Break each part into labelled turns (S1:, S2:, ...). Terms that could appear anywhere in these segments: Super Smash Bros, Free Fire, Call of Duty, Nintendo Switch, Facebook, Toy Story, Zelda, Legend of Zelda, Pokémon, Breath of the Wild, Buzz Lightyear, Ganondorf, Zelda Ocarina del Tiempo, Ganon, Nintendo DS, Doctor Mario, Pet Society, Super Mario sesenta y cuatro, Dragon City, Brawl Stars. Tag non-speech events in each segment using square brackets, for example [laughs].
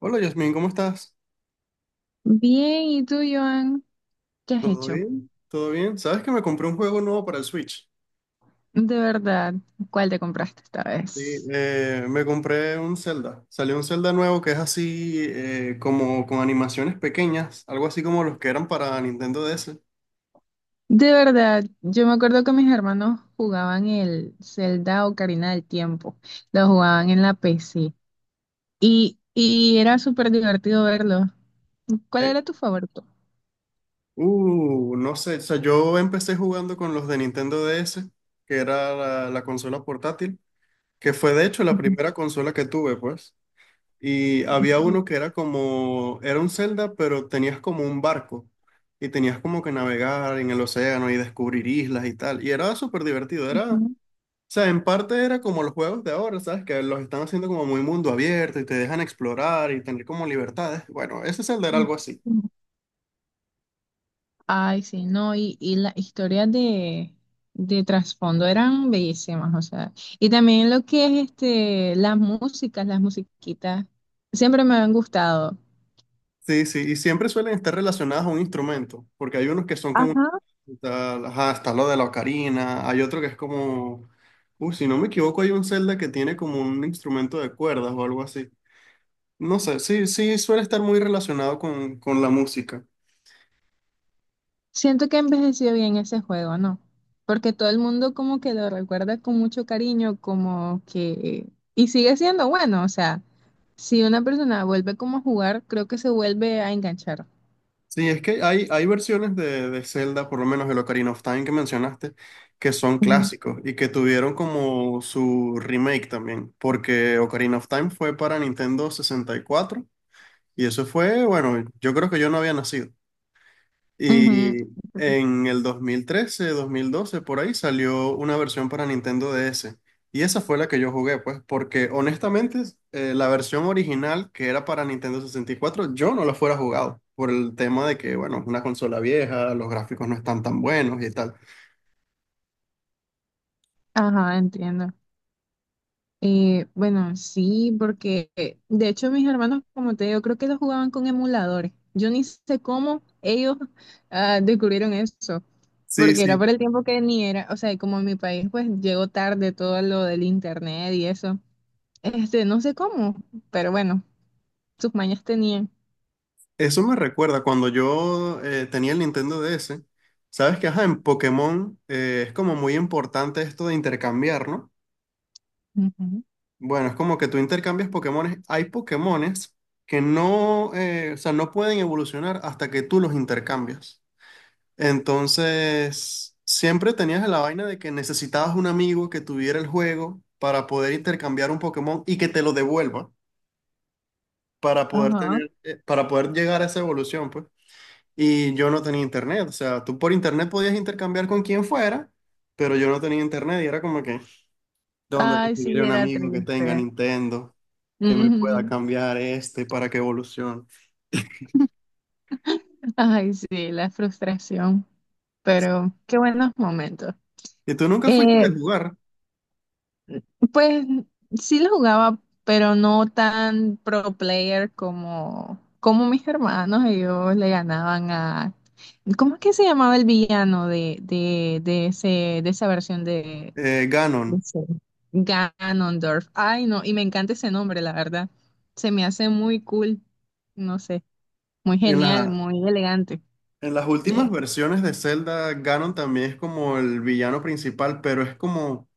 S1: Hola Yasmin, ¿cómo estás?
S2: Bien, ¿y tú, Joan? ¿Qué has
S1: ¿Todo
S2: hecho?
S1: bien? ¿Todo bien? ¿Sabes que me compré un juego nuevo para el Switch?
S2: De verdad, ¿cuál te compraste esta
S1: Sí,
S2: vez?
S1: me compré un Zelda. Salió un Zelda nuevo que es así como con animaciones pequeñas, algo así como los que eran para Nintendo DS.
S2: De verdad, yo me acuerdo que mis hermanos jugaban el Zelda Ocarina del Tiempo, lo jugaban en la PC y era súper divertido verlo. ¿Cuál
S1: Eh,
S2: era tu favorito?
S1: no sé, o sea, yo empecé jugando con los de Nintendo DS, que era la consola portátil, que fue de hecho la primera consola que tuve, pues. Y había uno que era como, era un Zelda, pero tenías como un barco y tenías como que navegar en el océano y descubrir islas y tal. Y era súper divertido, era, o
S2: Ujú.
S1: sea, en parte era como los juegos de ahora, ¿sabes? Que los están haciendo como muy mundo abierto y te dejan explorar y tener como libertades. Bueno, ese Zelda era algo así.
S2: Ay, sí, no, y las historias de trasfondo eran bellísimas, o sea, y también lo que es este, las músicas, las musiquitas, siempre me han gustado.
S1: Sí, sí, y siempre suelen estar relacionadas a un instrumento, porque hay unos que son como,
S2: Ajá.
S1: tal, ajá, está lo de la ocarina, hay otro que es como, uy, si no me equivoco, hay un Zelda que tiene como un instrumento de cuerdas o algo así. No sé, sí, sí, suele estar muy relacionado con la música.
S2: Siento que envejeció bien ese juego, ¿no? Porque todo el mundo como que lo recuerda con mucho cariño, como que, y sigue siendo bueno, o sea, si una persona vuelve como a jugar, creo que se vuelve a enganchar.
S1: Sí, es que hay versiones de Zelda, por lo menos el Ocarina of Time que mencionaste, que son
S2: Ujú.
S1: clásicos y que tuvieron como su remake también, porque Ocarina of Time fue para Nintendo 64. Y eso fue, bueno, yo creo que yo no había nacido.
S2: Ujú.
S1: Y en el dos mil doce por ahí salió una versión para Nintendo DS. Y esa fue la que yo jugué, pues, porque honestamente la versión original que era para Nintendo 64 yo no la fuera jugado por el tema de que, bueno, es una consola vieja, los gráficos no están tan buenos y tal.
S2: Ajá, entiendo. Bueno, sí, porque de hecho mis hermanos, como te digo, creo que ellos jugaban con emuladores. Yo ni sé cómo descubrieron eso,
S1: Sí,
S2: porque era
S1: sí,
S2: por el tiempo que ni era, o sea, y como en mi país pues llegó tarde todo lo del internet y eso. Este, no sé cómo, pero bueno, sus mañas tenían.
S1: eso me recuerda cuando yo tenía el Nintendo DS. Sabes que, ajá, en Pokémon es como muy importante esto de intercambiar, ¿no?
S2: Ujú.
S1: Bueno, es como que tú intercambias Pokémones. Hay Pokémones que no, o sea, no pueden evolucionar hasta que tú los intercambias. Entonces, siempre tenías la vaina de que necesitabas un amigo que tuviera el juego para poder intercambiar un Pokémon y que te lo devuelva para poder
S2: Ajá.
S1: tener, para poder llegar a esa evolución, pues. Y yo no tenía internet. O sea, tú por internet podías intercambiar con quien fuera, pero yo no tenía internet y era como que ¿dónde
S2: Ay,
S1: conseguiré
S2: sí,
S1: un
S2: era
S1: amigo que tenga
S2: triste.
S1: Nintendo que me pueda
S2: Ujú.
S1: cambiar este para que evolucione?
S2: Ay, sí, la frustración, pero qué buenos momentos.
S1: Y tú nunca fuiste
S2: Eh,
S1: de jugar
S2: Pues sí lo jugaba, pero no tan pro player como mis hermanos. Ellos le ganaban a... ¿Cómo es que se llamaba el villano de de esa versión de
S1: Ganon.
S2: ese Ganondorf? Ay, no, y me encanta ese nombre, la verdad. Se me hace muy cool, no sé, muy
S1: En
S2: genial,
S1: la-
S2: muy elegante.
S1: en las últimas
S2: De...
S1: versiones de Zelda, Ganon también es como el villano principal, pero es como,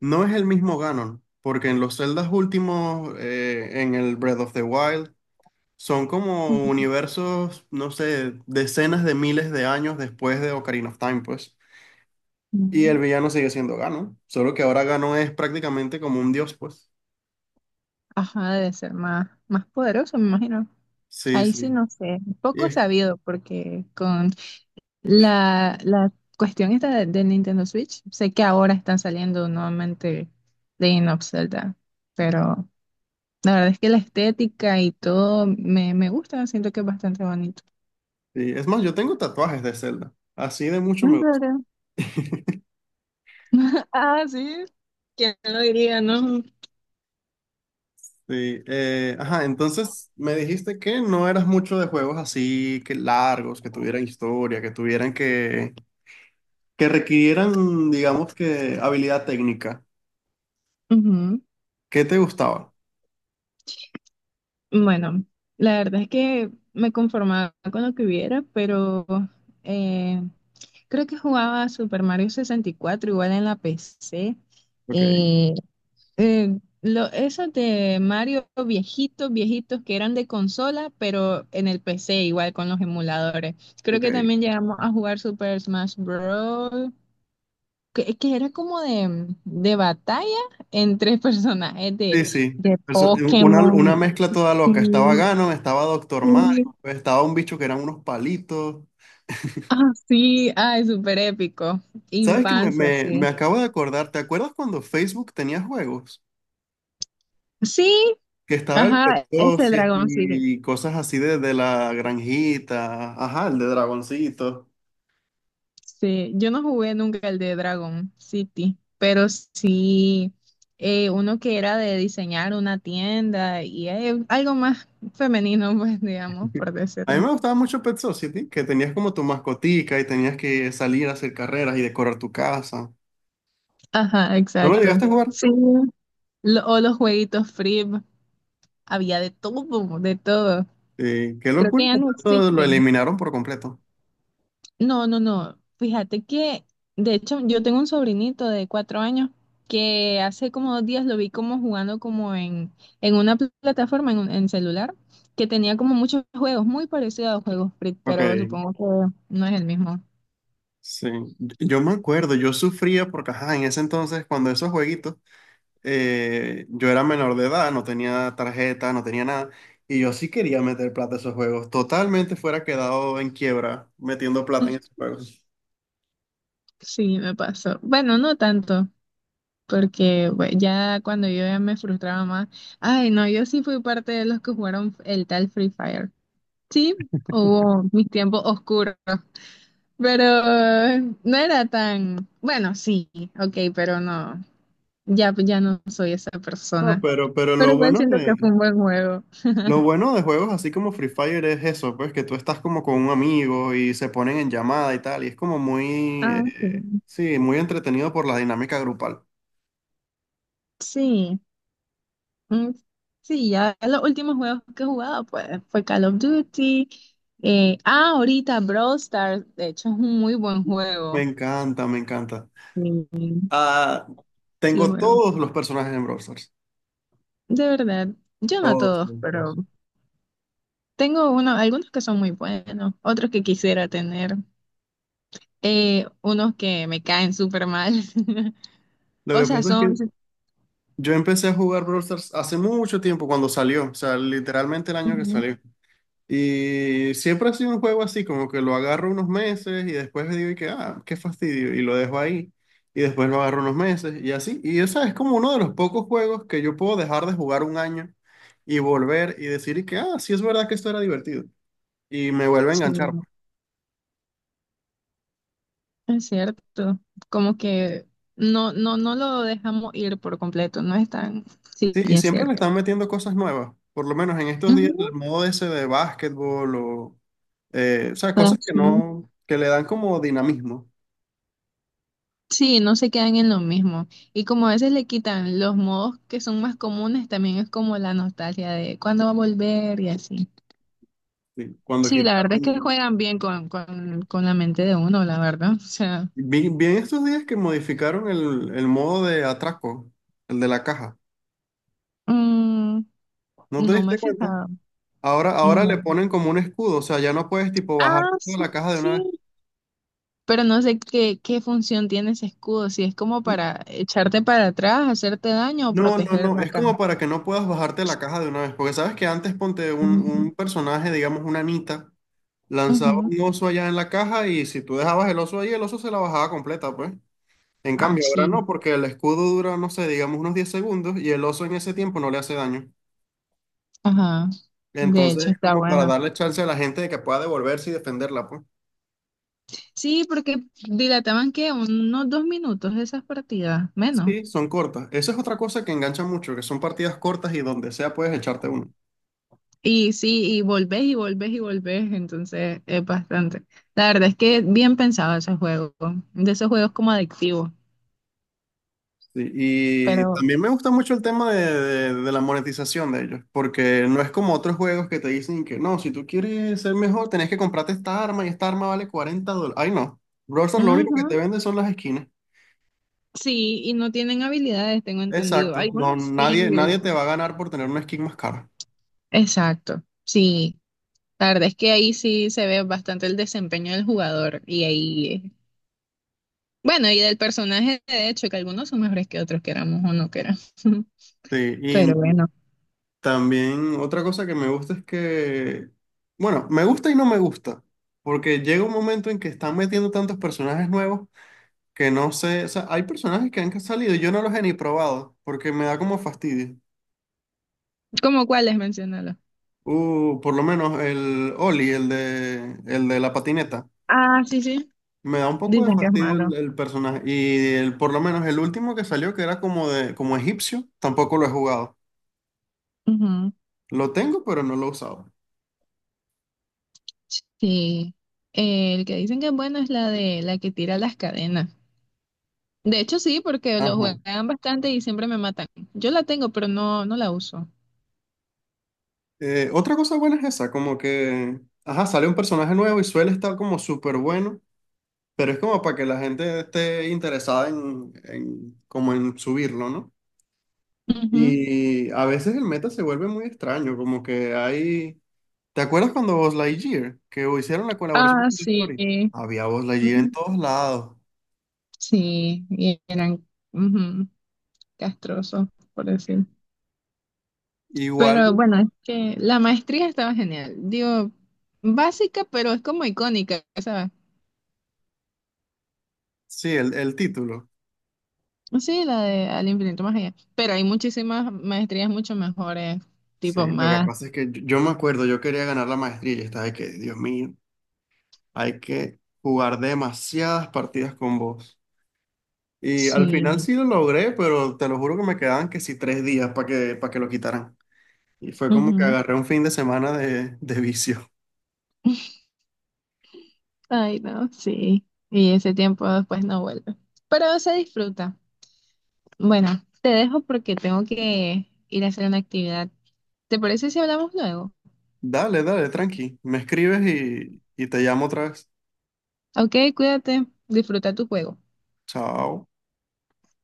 S1: no es el mismo Ganon, porque en los Zeldas últimos, en el Breath of the Wild, son como universos, no sé, decenas de miles de años después de Ocarina of Time, pues. Y el
S2: Ujú.
S1: villano sigue siendo Ganon, solo que ahora Ganon es prácticamente como un dios, pues.
S2: Ajá, debe ser más poderoso, me imagino.
S1: Sí,
S2: Ahí
S1: sí.
S2: sí no sé,
S1: Y
S2: poco
S1: es,
S2: sabido porque con la cuestión esta de- del Nintendo Switch, sé que ahora están saliendo nuevamente Legend of Zelda, pero la verdad es que la estética y todo me gusta, siento que es bastante bonito.
S1: sí, es más, yo tengo tatuajes de Zelda, así de mucho
S2: ¿En
S1: me gusta.
S2: serio?
S1: [laughs]
S2: [laughs] Ah, sí, ¿quién lo diría, no?
S1: Sí, ajá, entonces me dijiste que no eras mucho de juegos así que largos, que tuvieran historia, que requirieran, digamos que, habilidad técnica.
S2: Ujú.
S1: ¿Qué te gustaba?
S2: Bueno, la verdad es que me conformaba con lo que hubiera, pero eh, creo que jugaba Super Mario 64 igual en la PC.
S1: Ok,
S2: Esos de Mario viejitos, viejitos que eran de consola, pero en el PC igual con los emuladores. Creo que
S1: ok.
S2: también llegamos a jugar Super Smash Bros. Que era como de batalla entre [laughs] personajes
S1: Sí, sí.
S2: de
S1: Una
S2: Pokémon.
S1: mezcla toda loca. Estaba
S2: Sí,
S1: Ganon, estaba Doctor Mario,
S2: sí.
S1: estaba un bicho que eran unos palitos.
S2: Ah, sí, ay, súper épico.
S1: ¿Sabes que me,
S2: Infancia,
S1: me, me
S2: sí.
S1: acabo de acordar? ¿Te acuerdas cuando Facebook tenía juegos?
S2: Sí,
S1: Que estaba el Pet
S2: ajá, ese
S1: Society
S2: Dragon.
S1: y cosas así de la granjita, ajá, el de Dragoncito.
S2: Sí, yo no jugué nunca el de Dragon City, pero sí uno que era de diseñar una tienda y algo más femenino, [laughs] pues digamos, por
S1: A mí
S2: decirlo.
S1: me gustaba mucho Pet Society, que tenías como tu mascotica y tenías que salir a hacer carreras y decorar tu casa.
S2: Ajá,
S1: ¿No lo
S2: exacto.
S1: llegaste a jugar?
S2: Sí. Lo- o los jueguitos free, había de todo, de todo.
S1: Sí, qué
S2: Creo
S1: locura,
S2: que ya
S1: porque
S2: no
S1: eso lo
S2: existen.
S1: eliminaron por completo.
S2: No, no, no. Fíjate que, de hecho, yo tengo un sobrinito de 4 años que hace como 2 días lo vi como jugando como en una pl- plataforma, en, un- en celular, que tenía como muchos juegos, muy parecidos a los juegos Free,
S1: Ok,
S2: pero supongo que no es el mismo.
S1: sí. Yo me acuerdo, yo sufría porque, ajá, en ese entonces, cuando esos jueguitos... yo era menor de edad, no tenía tarjeta, no tenía nada, y yo sí quería meter plata a esos juegos. Totalmente fuera quedado en quiebra metiendo plata en esos
S2: [laughs]
S1: juegos.
S2: Sí, me pasó. Bueno, no tanto, porque bue- ya cuando yo ya me frustraba más, ay, no, yo sí fui parte de los que jugaron el tal Free Fire. Sí, hubo mis tiempos oscuros. Pero no era tan, bueno, sí, ok, pero no, ya no soy esa
S1: No,
S2: persona.
S1: pero
S2: Pero igual siento que fue un buen juego.
S1: lo bueno de juegos así como Free Fire es eso, pues que tú estás como con un amigo y se ponen en llamada y tal, y es como muy,
S2: Ah, sí.
S1: sí, muy entretenido por la dinámica grupal.
S2: Sí, mm, sí, ya los últimos juegos que he jugado pues, fue Call of Duty. Ahorita Brawl Stars, de hecho es un muy buen
S1: Me
S2: juego.
S1: encanta, me encanta.
S2: Sí,
S1: Ah,
S2: sí lo
S1: tengo
S2: juego.
S1: todos los personajes en Brawl Stars,
S2: De verdad, yo no
S1: todos.
S2: todos, pero
S1: todos.
S2: tengo uno, algunos que son muy buenos, otros que quisiera tener. Unos que me caen súper mal. [laughs]
S1: Lo
S2: O
S1: que
S2: sea,
S1: pasa es
S2: son...
S1: que
S2: sí.
S1: yo empecé a jugar Brawl Stars hace mucho tiempo cuando salió, o sea, literalmente el año que
S2: Ujú.
S1: salió. Y siempre ha sido un juego así, como que lo agarro unos meses y después digo y que, ah, qué fastidio, y lo dejo ahí, y después lo agarro unos meses y así. Y esa es como uno de los pocos juegos que yo puedo dejar de jugar un año y volver y decir y que, ah, sí es verdad que esto era divertido. Y me vuelve a
S2: Sí,
S1: enganchar, pues.
S2: es cierto. Como que no lo dejamos ir por completo, no es tan... Sí,
S1: Sí, y
S2: es
S1: siempre le
S2: cierto.
S1: están metiendo cosas nuevas, por lo menos en estos días el
S2: Ujú,
S1: modo ese de básquetbol o sea,
S2: ah,
S1: cosas que
S2: sí,
S1: no, que le dan como dinamismo.
S2: sí, no se quedan en lo mismo. Y como a veces le quitan los modos que son más comunes, también es como la nostalgia de cuándo va a volver y así.
S1: ¿Sí? Cuando
S2: Sí, la verdad es que
S1: quitaron,
S2: juegan bien con la mente de uno, la verdad. O sea,
S1: vi en estos días que modificaron el modo de atraco, el de la caja.
S2: mm,
S1: ¿No te
S2: no me he
S1: diste cuenta?
S2: fijado.
S1: Ahora, ahora le
S2: No.
S1: ponen como un escudo, o sea, ya no puedes tipo
S2: Ah,
S1: bajarte de
S2: sí,
S1: la caja de una vez.
S2: sí. Pero no sé qué función tiene ese escudo, si es como
S1: N-
S2: para echarte para atrás, hacerte daño o
S1: No, no,
S2: proteger
S1: no,
S2: la
S1: es
S2: cara.
S1: como para que no puedas bajarte de la caja de una vez, porque sabes que antes ponte un,
S2: Mm,
S1: un personaje, digamos una Anita, lanzaba
S2: ujú.
S1: un oso allá en la caja y si tú dejabas el oso ahí, el oso se la bajaba completa, pues. En
S2: Ah,
S1: cambio, ahora
S2: sí,
S1: no, porque el escudo dura, no sé, digamos unos 10 segundos y el oso en ese tiempo no le hace daño.
S2: ajá. De
S1: Entonces,
S2: hecho,
S1: es
S2: está
S1: como para
S2: bueno.
S1: darle chance a la gente de que pueda devolverse y defenderla, pues.
S2: Sí, porque dilataban que unos 2 minutos esas partidas, menos.
S1: Sí, son cortas. Esa es otra cosa que engancha mucho, que son partidas cortas y donde sea puedes echarte uno.
S2: Y sí, y volvés y volvés y volvés, entonces es bastante. La verdad es que bien pensado ese juego, de esos juegos como adictivos.
S1: Sí, y
S2: Pero,
S1: también me gusta mucho el tema de, de la monetización de ellos, porque no es como otros juegos que te dicen que no, si tú quieres ser mejor, tenés que comprarte esta arma y esta arma vale $40. Ay, no. Brawl lo único que te
S2: ujú,
S1: vende son las esquinas.
S2: sí, y no tienen habilidades, tengo entendido.
S1: Exacto, no,
S2: Algunos sí.
S1: nadie,
S2: el-
S1: nadie te va a ganar por tener una skin más cara.
S2: Exacto, sí. La verdad es que ahí sí se ve bastante el desempeño del jugador y ahí, bueno, y del personaje, de hecho, que algunos son mejores que otros, queramos o no queramos. [laughs]
S1: Sí, y
S2: Pero bueno,
S1: también otra cosa que me gusta es que, bueno, me gusta y no me gusta, porque llega un momento en que están metiendo tantos personajes nuevos que no sé, o sea, hay personajes que han salido y yo no los he ni probado, porque me da como fastidio.
S2: ¿cómo cuáles? Menciónalo.
S1: Por lo menos el Oli, el de la patineta,
S2: Ah, sí, sí.
S1: me da un poco de
S2: Dicen que es
S1: fastidio el,
S2: malo.
S1: el personaje, y el, por lo menos el último que salió, que era como de, como egipcio, tampoco lo he jugado.
S2: Ujú,
S1: Lo tengo, pero no lo he usado.
S2: sí. El que dicen que es bueno es la de la que tira las cadenas. De hecho, sí, porque lo
S1: Ajá.
S2: juegan bastante y siempre me matan. Yo la tengo, pero no la uso.
S1: Otra cosa buena es esa, como que, ajá, sale un personaje nuevo y suele estar como súper bueno, pero es como para que la gente esté interesada en, como en subirlo, ¿no?
S2: Ujú.
S1: Y a veces el meta se vuelve muy extraño, como que hay... ¿Te acuerdas cuando Buzz Lightyear, que hicieron la colaboración
S2: Ah,
S1: con Toy Story?
S2: sí.
S1: Había Buzz Lightyear en
S2: Mm,
S1: todos lados.
S2: sí, y eran ujú, castrosos, por decir.
S1: Igual,
S2: Pero bueno, es que la maestría estaba genial. Digo, básica, pero es como icónica, ¿sabes?
S1: sí, el título.
S2: Sí, la de Al infinito más allá. Pero hay muchísimas maestrías mucho mejores,
S1: Sí,
S2: tipo
S1: lo que
S2: más.
S1: pasa es que yo me acuerdo, yo quería ganar la maestría y estaba de que, Dios mío. Hay que jugar demasiadas partidas con vos. Y al
S2: Sí.
S1: final sí lo logré, pero te lo juro que me quedaban que sí tres días para que lo quitaran. Y fue como que
S2: Ujú.
S1: agarré un fin de semana de vicio.
S2: [laughs] Ay, no, sí. Y ese tiempo después no vuelve. Pero se disfruta. Bueno, te dejo porque tengo que ir a hacer una actividad. ¿Te parece si hablamos luego?
S1: [laughs] Dale, dale, tranqui. Me escribes y te llamo otra vez.
S2: Ok, cuídate, disfruta tu juego.
S1: Chao.